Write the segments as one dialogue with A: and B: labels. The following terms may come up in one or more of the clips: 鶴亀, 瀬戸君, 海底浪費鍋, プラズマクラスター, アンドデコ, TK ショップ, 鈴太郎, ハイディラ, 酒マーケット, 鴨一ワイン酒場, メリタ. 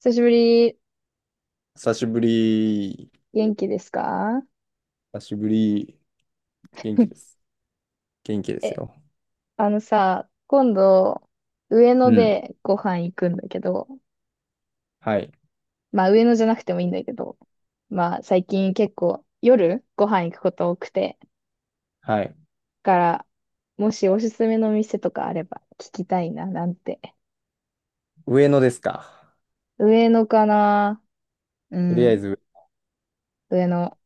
A: 久しぶり。
B: 久しぶり。
A: 元気ですか？
B: 久しぶり。元気で す。元気です
A: え、
B: よ。
A: あのさ、今度、上
B: う
A: 野
B: ん。
A: でご飯行くんだけど、
B: はい。
A: まあ上野じゃなくてもいいんだけど、まあ最近結構夜ご飯行くこと多くて、だ
B: はい。
A: から、もしおすすめの店とかあれば聞きたいな、なんて。
B: 上野ですか。
A: 上野かな。う
B: とりあ
A: ん、
B: えず、
A: 上野。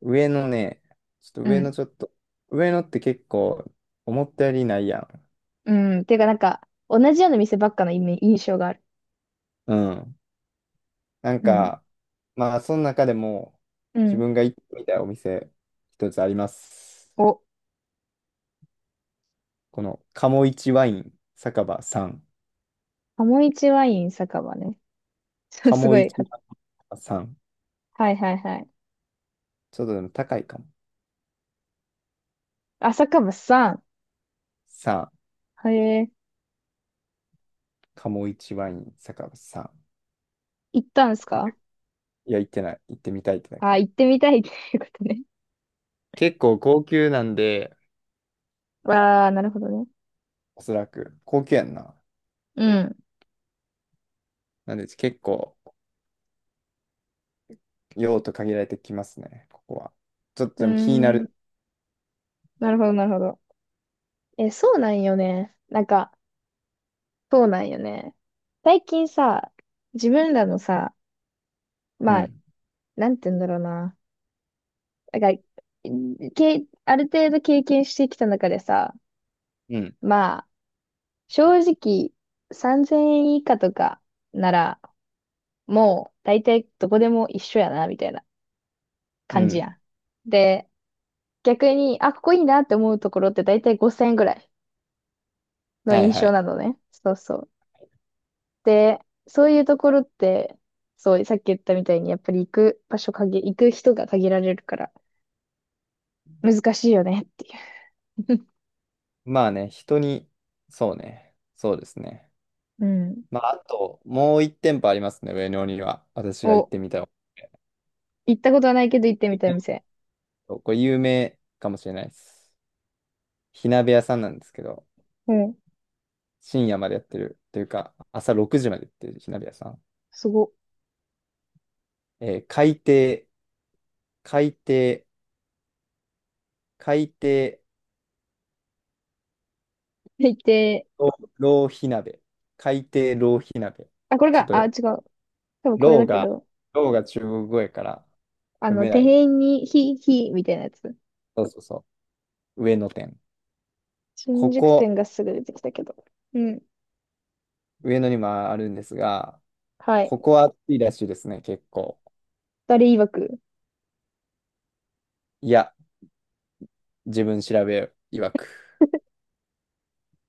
B: 上野ね、ちょっと
A: う
B: 上
A: ん、
B: 野ちょっと、上野って結構思ったよりないやん。
A: うん。ていうかなんか、同じような店ばっかの印象がある。
B: うん。なん
A: うん、
B: か、まあ、その中でも、
A: う
B: 自
A: ん。
B: 分が行ってみたいお店、一つあります。
A: お、
B: この、鴨一ワイン酒場さん。
A: 鴨一ワイン酒場ね。す
B: 鴨
A: ご
B: 一ワイン
A: い。
B: 酒場さん。
A: はいはいはい。
B: ちょっとでも高いかも。
A: 朝かさん。
B: さん。
A: へえ、
B: 鴨一ワイン酒場さん。
A: 行ったんですか
B: いや、行ってない。行ってみたいってだ
A: あ、
B: け。
A: 行ってみたいっていうことね。
B: 結構高級なんで、
A: ああ、なるほどね。
B: おそらく。高級やんな。
A: うん。
B: なんで結構用途限られてきますね、ここは。ちょっと
A: うー
B: でも気にな
A: ん。
B: る。
A: なるほど、なるほど。え、そうなんよね。なんか、そうなんよね。最近さ、自分らのさ、
B: う
A: まあ、
B: ん。
A: なんて言うんだろうな。なんか、ある程度経験してきた中でさ、
B: うん。
A: まあ、正直、3000円以下とかなら、もう、大体どこでも一緒やな、みたいな。
B: う
A: 感じ
B: ん。
A: やん。で、逆に、あ、ここいいなって思うところって大体5000円ぐらいの
B: はい
A: 印
B: は
A: 象な
B: い。
A: のね。そうそう。で、そういうところって、そう、さっき言ったみたいに、やっぱり行く人が限られるから、難しいよねっていう。
B: まあね、人に、そうね。そうですね。
A: うん。
B: まあ、あと、もう一店舗ありますね、上野には。私が行っ
A: お、
B: てみたい。
A: 行ったことはないけど行ってみたい店。
B: これ有名かもしれないです。火鍋屋さんなんですけど、
A: うん。
B: 深夜までやってる。というか、朝6時までやってる火鍋屋さん。
A: すご。
B: えー海底、海底海底
A: で行って、
B: 浪費鍋。海底浪費鍋。
A: あ、これ
B: ちょっ
A: が、あ、違う。
B: と、
A: 多分これ
B: 浪
A: だけ
B: が、
A: ど、
B: 浪が中国語やから
A: あ
B: 読
A: の、
B: めない。
A: 店員に、ひ、ひ、みたいなやつ。
B: そうそうそう。上野店。こ
A: 新宿
B: こ、
A: 店がすぐ出てきたけど。うん。
B: 上野にもあるんですが、
A: はい。
B: ここは暑いらしいですね、結構。
A: 誰曰く。
B: いや、自分調べ曰く。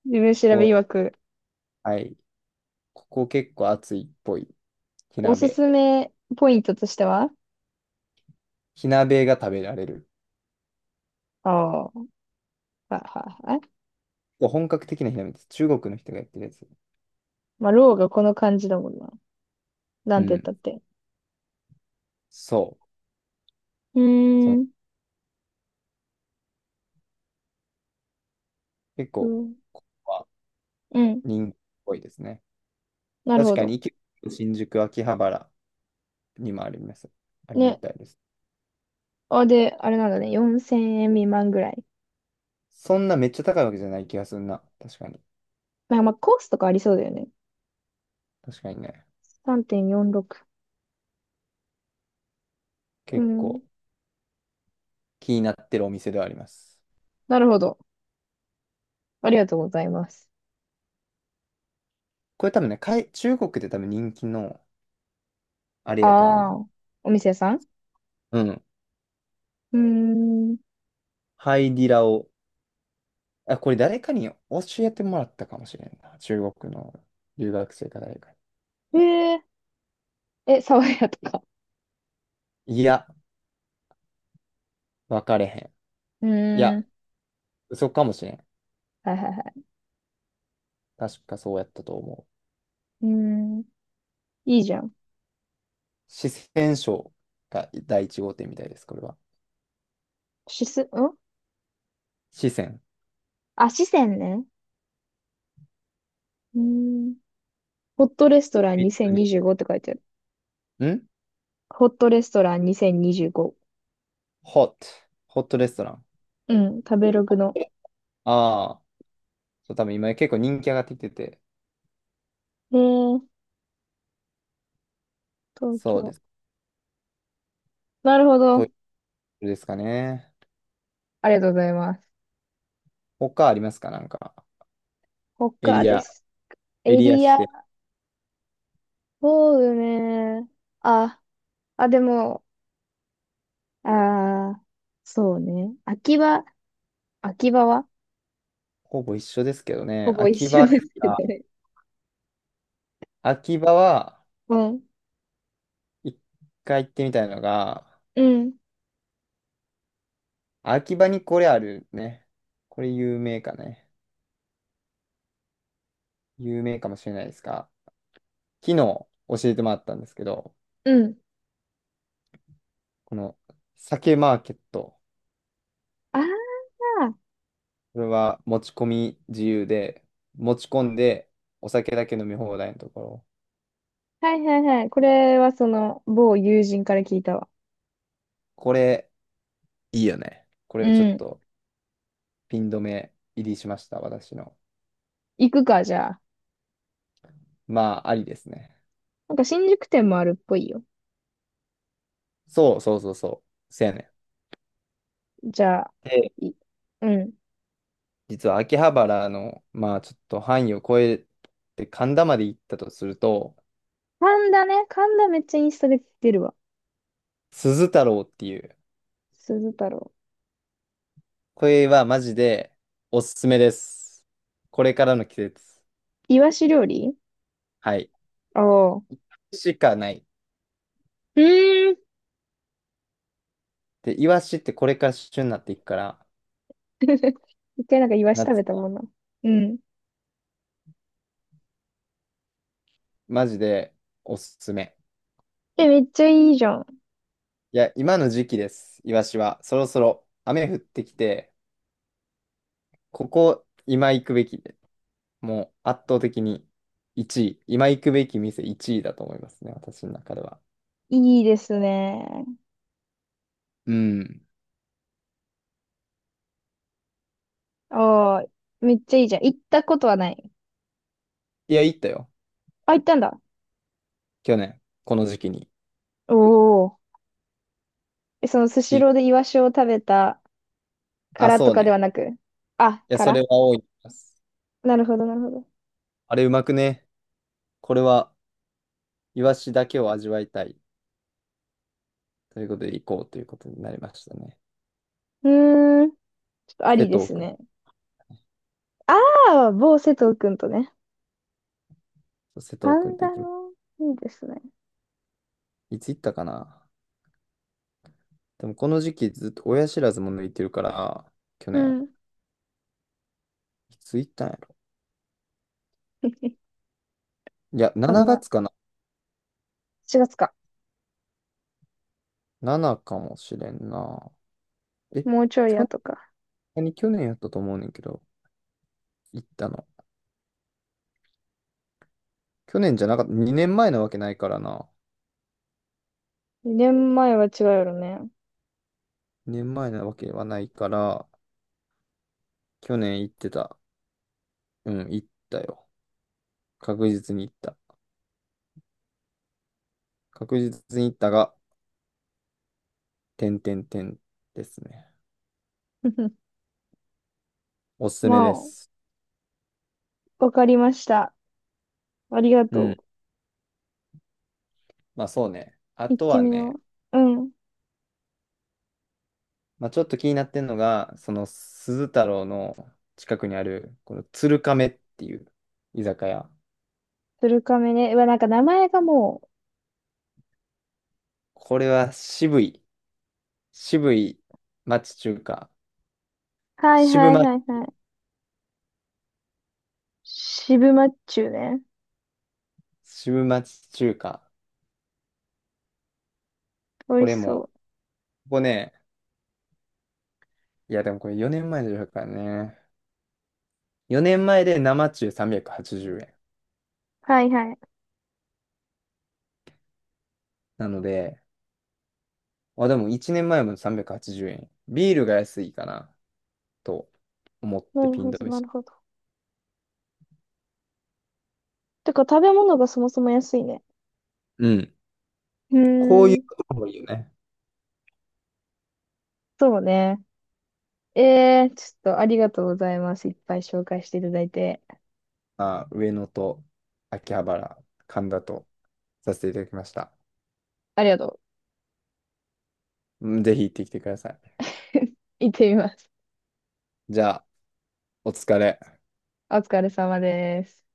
A: 自分
B: こ
A: 調べ
B: こ、
A: 曰く、
B: はい。ここ結構暑いっぽい。火
A: おす
B: 鍋。
A: すめポイントとしては、
B: 火鍋が食べられる。
A: ああ、はいはいはい。
B: 本格的な火鍋です。中国の人がやってるやつ。
A: まあ、ローがこの感じだもんな。な
B: う
A: んて言った
B: ん。
A: って。
B: そう。
A: う
B: そ
A: ー
B: の
A: ん、
B: 結
A: う
B: 構、
A: ん、
B: ここは
A: うん、
B: 人気っぽいですね。
A: なる
B: 確
A: ほ
B: か
A: ど。
B: に、新宿、秋葉原にもあります。ありみ
A: ね。
B: たいです。
A: あ、で、あれなんだね。4000円未満ぐらい。
B: そんなめっちゃ高いわけじゃない気がするな。確かに。
A: まあ、まあ、コースとかありそうだよね。
B: 確かにね。
A: 3.46。う
B: 結
A: ん、
B: 構気になってるお店ではあります。
A: なるほど。ありがとうございます。
B: これ多分ね、中国で多分人気のあれやと思うね。
A: ああ、お店屋さん。
B: うん。
A: うーん、
B: ハイディラを。あ、これ誰かに教えてもらったかもしれんな。中国の留学生か誰か
A: えー、爽やとか。
B: に。いや、分かれへん。
A: う
B: い
A: ー
B: や、
A: ん、
B: 嘘かもしれん。
A: はいはいはい。
B: 確かそうやったと思う。
A: うーん、いいじゃん。
B: 四川省が第一号店みたいです、これは。
A: しす、ん
B: 四川。
A: あ、四川ね。うーん。ホットレストラン2025って書いてある。
B: ん
A: ホットレストラン2025。
B: ホット。ホットレストラン。
A: うん、食べログの。
B: ああ、そう、多分今結構人気上がってきてて、
A: えー、東
B: そうで
A: 京。
B: す。
A: なるほ
B: ト
A: ど。
B: イレですかね。
A: ありがとうございます。
B: 他ありますかなんか、エ
A: 他
B: リ
A: で
B: ア、
A: す。エ
B: エリア
A: リ
B: し
A: ア、
B: て、
A: そうね。あ、あ、でも、あー、そうね。秋葉は
B: ほぼ一緒ですけど
A: ほ
B: ね。
A: ぼ一
B: 秋
A: 緒
B: 葉で
A: で
B: す
A: すけど
B: か
A: ね。
B: 秋葉は、
A: うん、
B: 一回行ってみたいのが、
A: うん、
B: 秋葉にこれあるね。これ有名かね。有名かもしれないですが、昨日教えてもらったんですけど、
A: うん。
B: この酒マーケット、
A: あー、
B: これは持ち込み自由で、持ち込んでお酒だけ飲み放題のところ、
A: はいはいはい。これはその、某友人から聞いたわ。
B: これいいよね。こ
A: う
B: れちょっ
A: ん。
B: とピン止め入りしました、私の。
A: 行くか、じゃあ。
B: まあ、ありですね。
A: なんか新宿店もあるっぽいよ。
B: そうそうそうそう、せやね
A: じゃあ、
B: ん。で、
A: い、うん。
B: 実は秋葉原の、まあちょっと範囲を超えて神田まで行ったとすると、
A: 神田ね。神田めっちゃインスタで出るわ。
B: 鈴太郎っていう、
A: 鈴太郎。
B: これはマジでおすすめです。これからの季節。
A: イワシ料理。
B: はい。
A: ああ。う
B: しかない。
A: ーん。
B: で、イワシってこれから旬になっていくから、
A: 一回なんかイワシ食
B: 夏、
A: べたもんな。うん。
B: マジでおすすめ。
A: え、めっちゃいいじゃん。
B: いや、今の時期です、イワシは。そろそろ雨降ってきて、ここ、今行くべきで、もう圧倒的に1位、今行くべき店1位だと思いますね、私の中では。
A: いいですね。
B: うん。
A: ああ、めっちゃいいじゃん。行ったことはない。
B: いや、行ったよ、
A: あ、行ったんだ。
B: 去年、この時期に。
A: おお。え、そのスシ
B: び
A: ローでイワシを食べたか
B: あ、
A: ら
B: そ
A: と
B: う
A: かで
B: ね。
A: はなく。あ、
B: いや、それは多いです。
A: なるほど、なるほど。
B: あれ、うまくね。これは、イワシだけを味わいたい。ということで、行こうということになりましたね。
A: うーん。ちょっとあ
B: 瀬
A: りで
B: 戸
A: す
B: 君
A: ね。ああ、某瀬戸くんとね。
B: 瀬
A: パ
B: 戸君
A: ン
B: と行
A: ダ
B: き、
A: の、いいですね。
B: いつ行ったかな。でもこの時期ずっと親知らずも抜いてるから、去
A: う
B: 年、
A: ん。
B: いつ行ったんやろ。 いや、7
A: あ、まあ、
B: 月かな
A: 月か。
B: ?7 かもしれんな。え、
A: もうちょい
B: 去
A: や
B: 年、
A: とか。
B: 何去年やったと思うねんけど、行ったの。去年じゃなかった、2年前なわけないからな。
A: 年前は違うよね。
B: 2年前なわけはないから、去年行ってた。うん、行ったよ。確実に行った。確実に行ったが、点々点ですね。おすす
A: ま
B: めで
A: あ、
B: す。
A: わかりました。ありが
B: う
A: と
B: ん。
A: う。
B: まあそうね。あ
A: 行っ
B: と
A: て
B: は
A: み
B: ね、
A: よう。うん。
B: まあ、ちょっと気になってんのが、その鈴太郎の近くにある、この鶴亀っていう居酒屋。
A: 鶴亀ね。うわ、なんか名前がもう。
B: これは渋い、渋い町中華。
A: はい
B: 渋
A: はい
B: ま、
A: はいはい。渋マッチュね。
B: 渋町中華。
A: 美
B: こ
A: 味し
B: れも、
A: そう。
B: ここね、いやでもこれ4年前の予からね。4年前で生中380円。
A: はいはい。
B: なので、あ、でも1年前も380円。ビールが安いかな、と思っ
A: な
B: て
A: る
B: ピン
A: ほ
B: 止
A: ど、
B: め
A: な
B: し
A: る
B: た。
A: ほど。てか、食べ物がそもそも安いね。
B: うん。
A: う
B: こうい
A: ー
B: う
A: ん。
B: ところもいいよね。
A: そうね。ちょっとありがとうございます。いっぱい紹介していただいて。
B: あ、上野と秋葉原、神田とさせていただきました。
A: ありがと
B: うん、ぜひ行ってきてください。
A: う。行ってみます。
B: じゃあ、お疲れ。
A: お疲れ様です。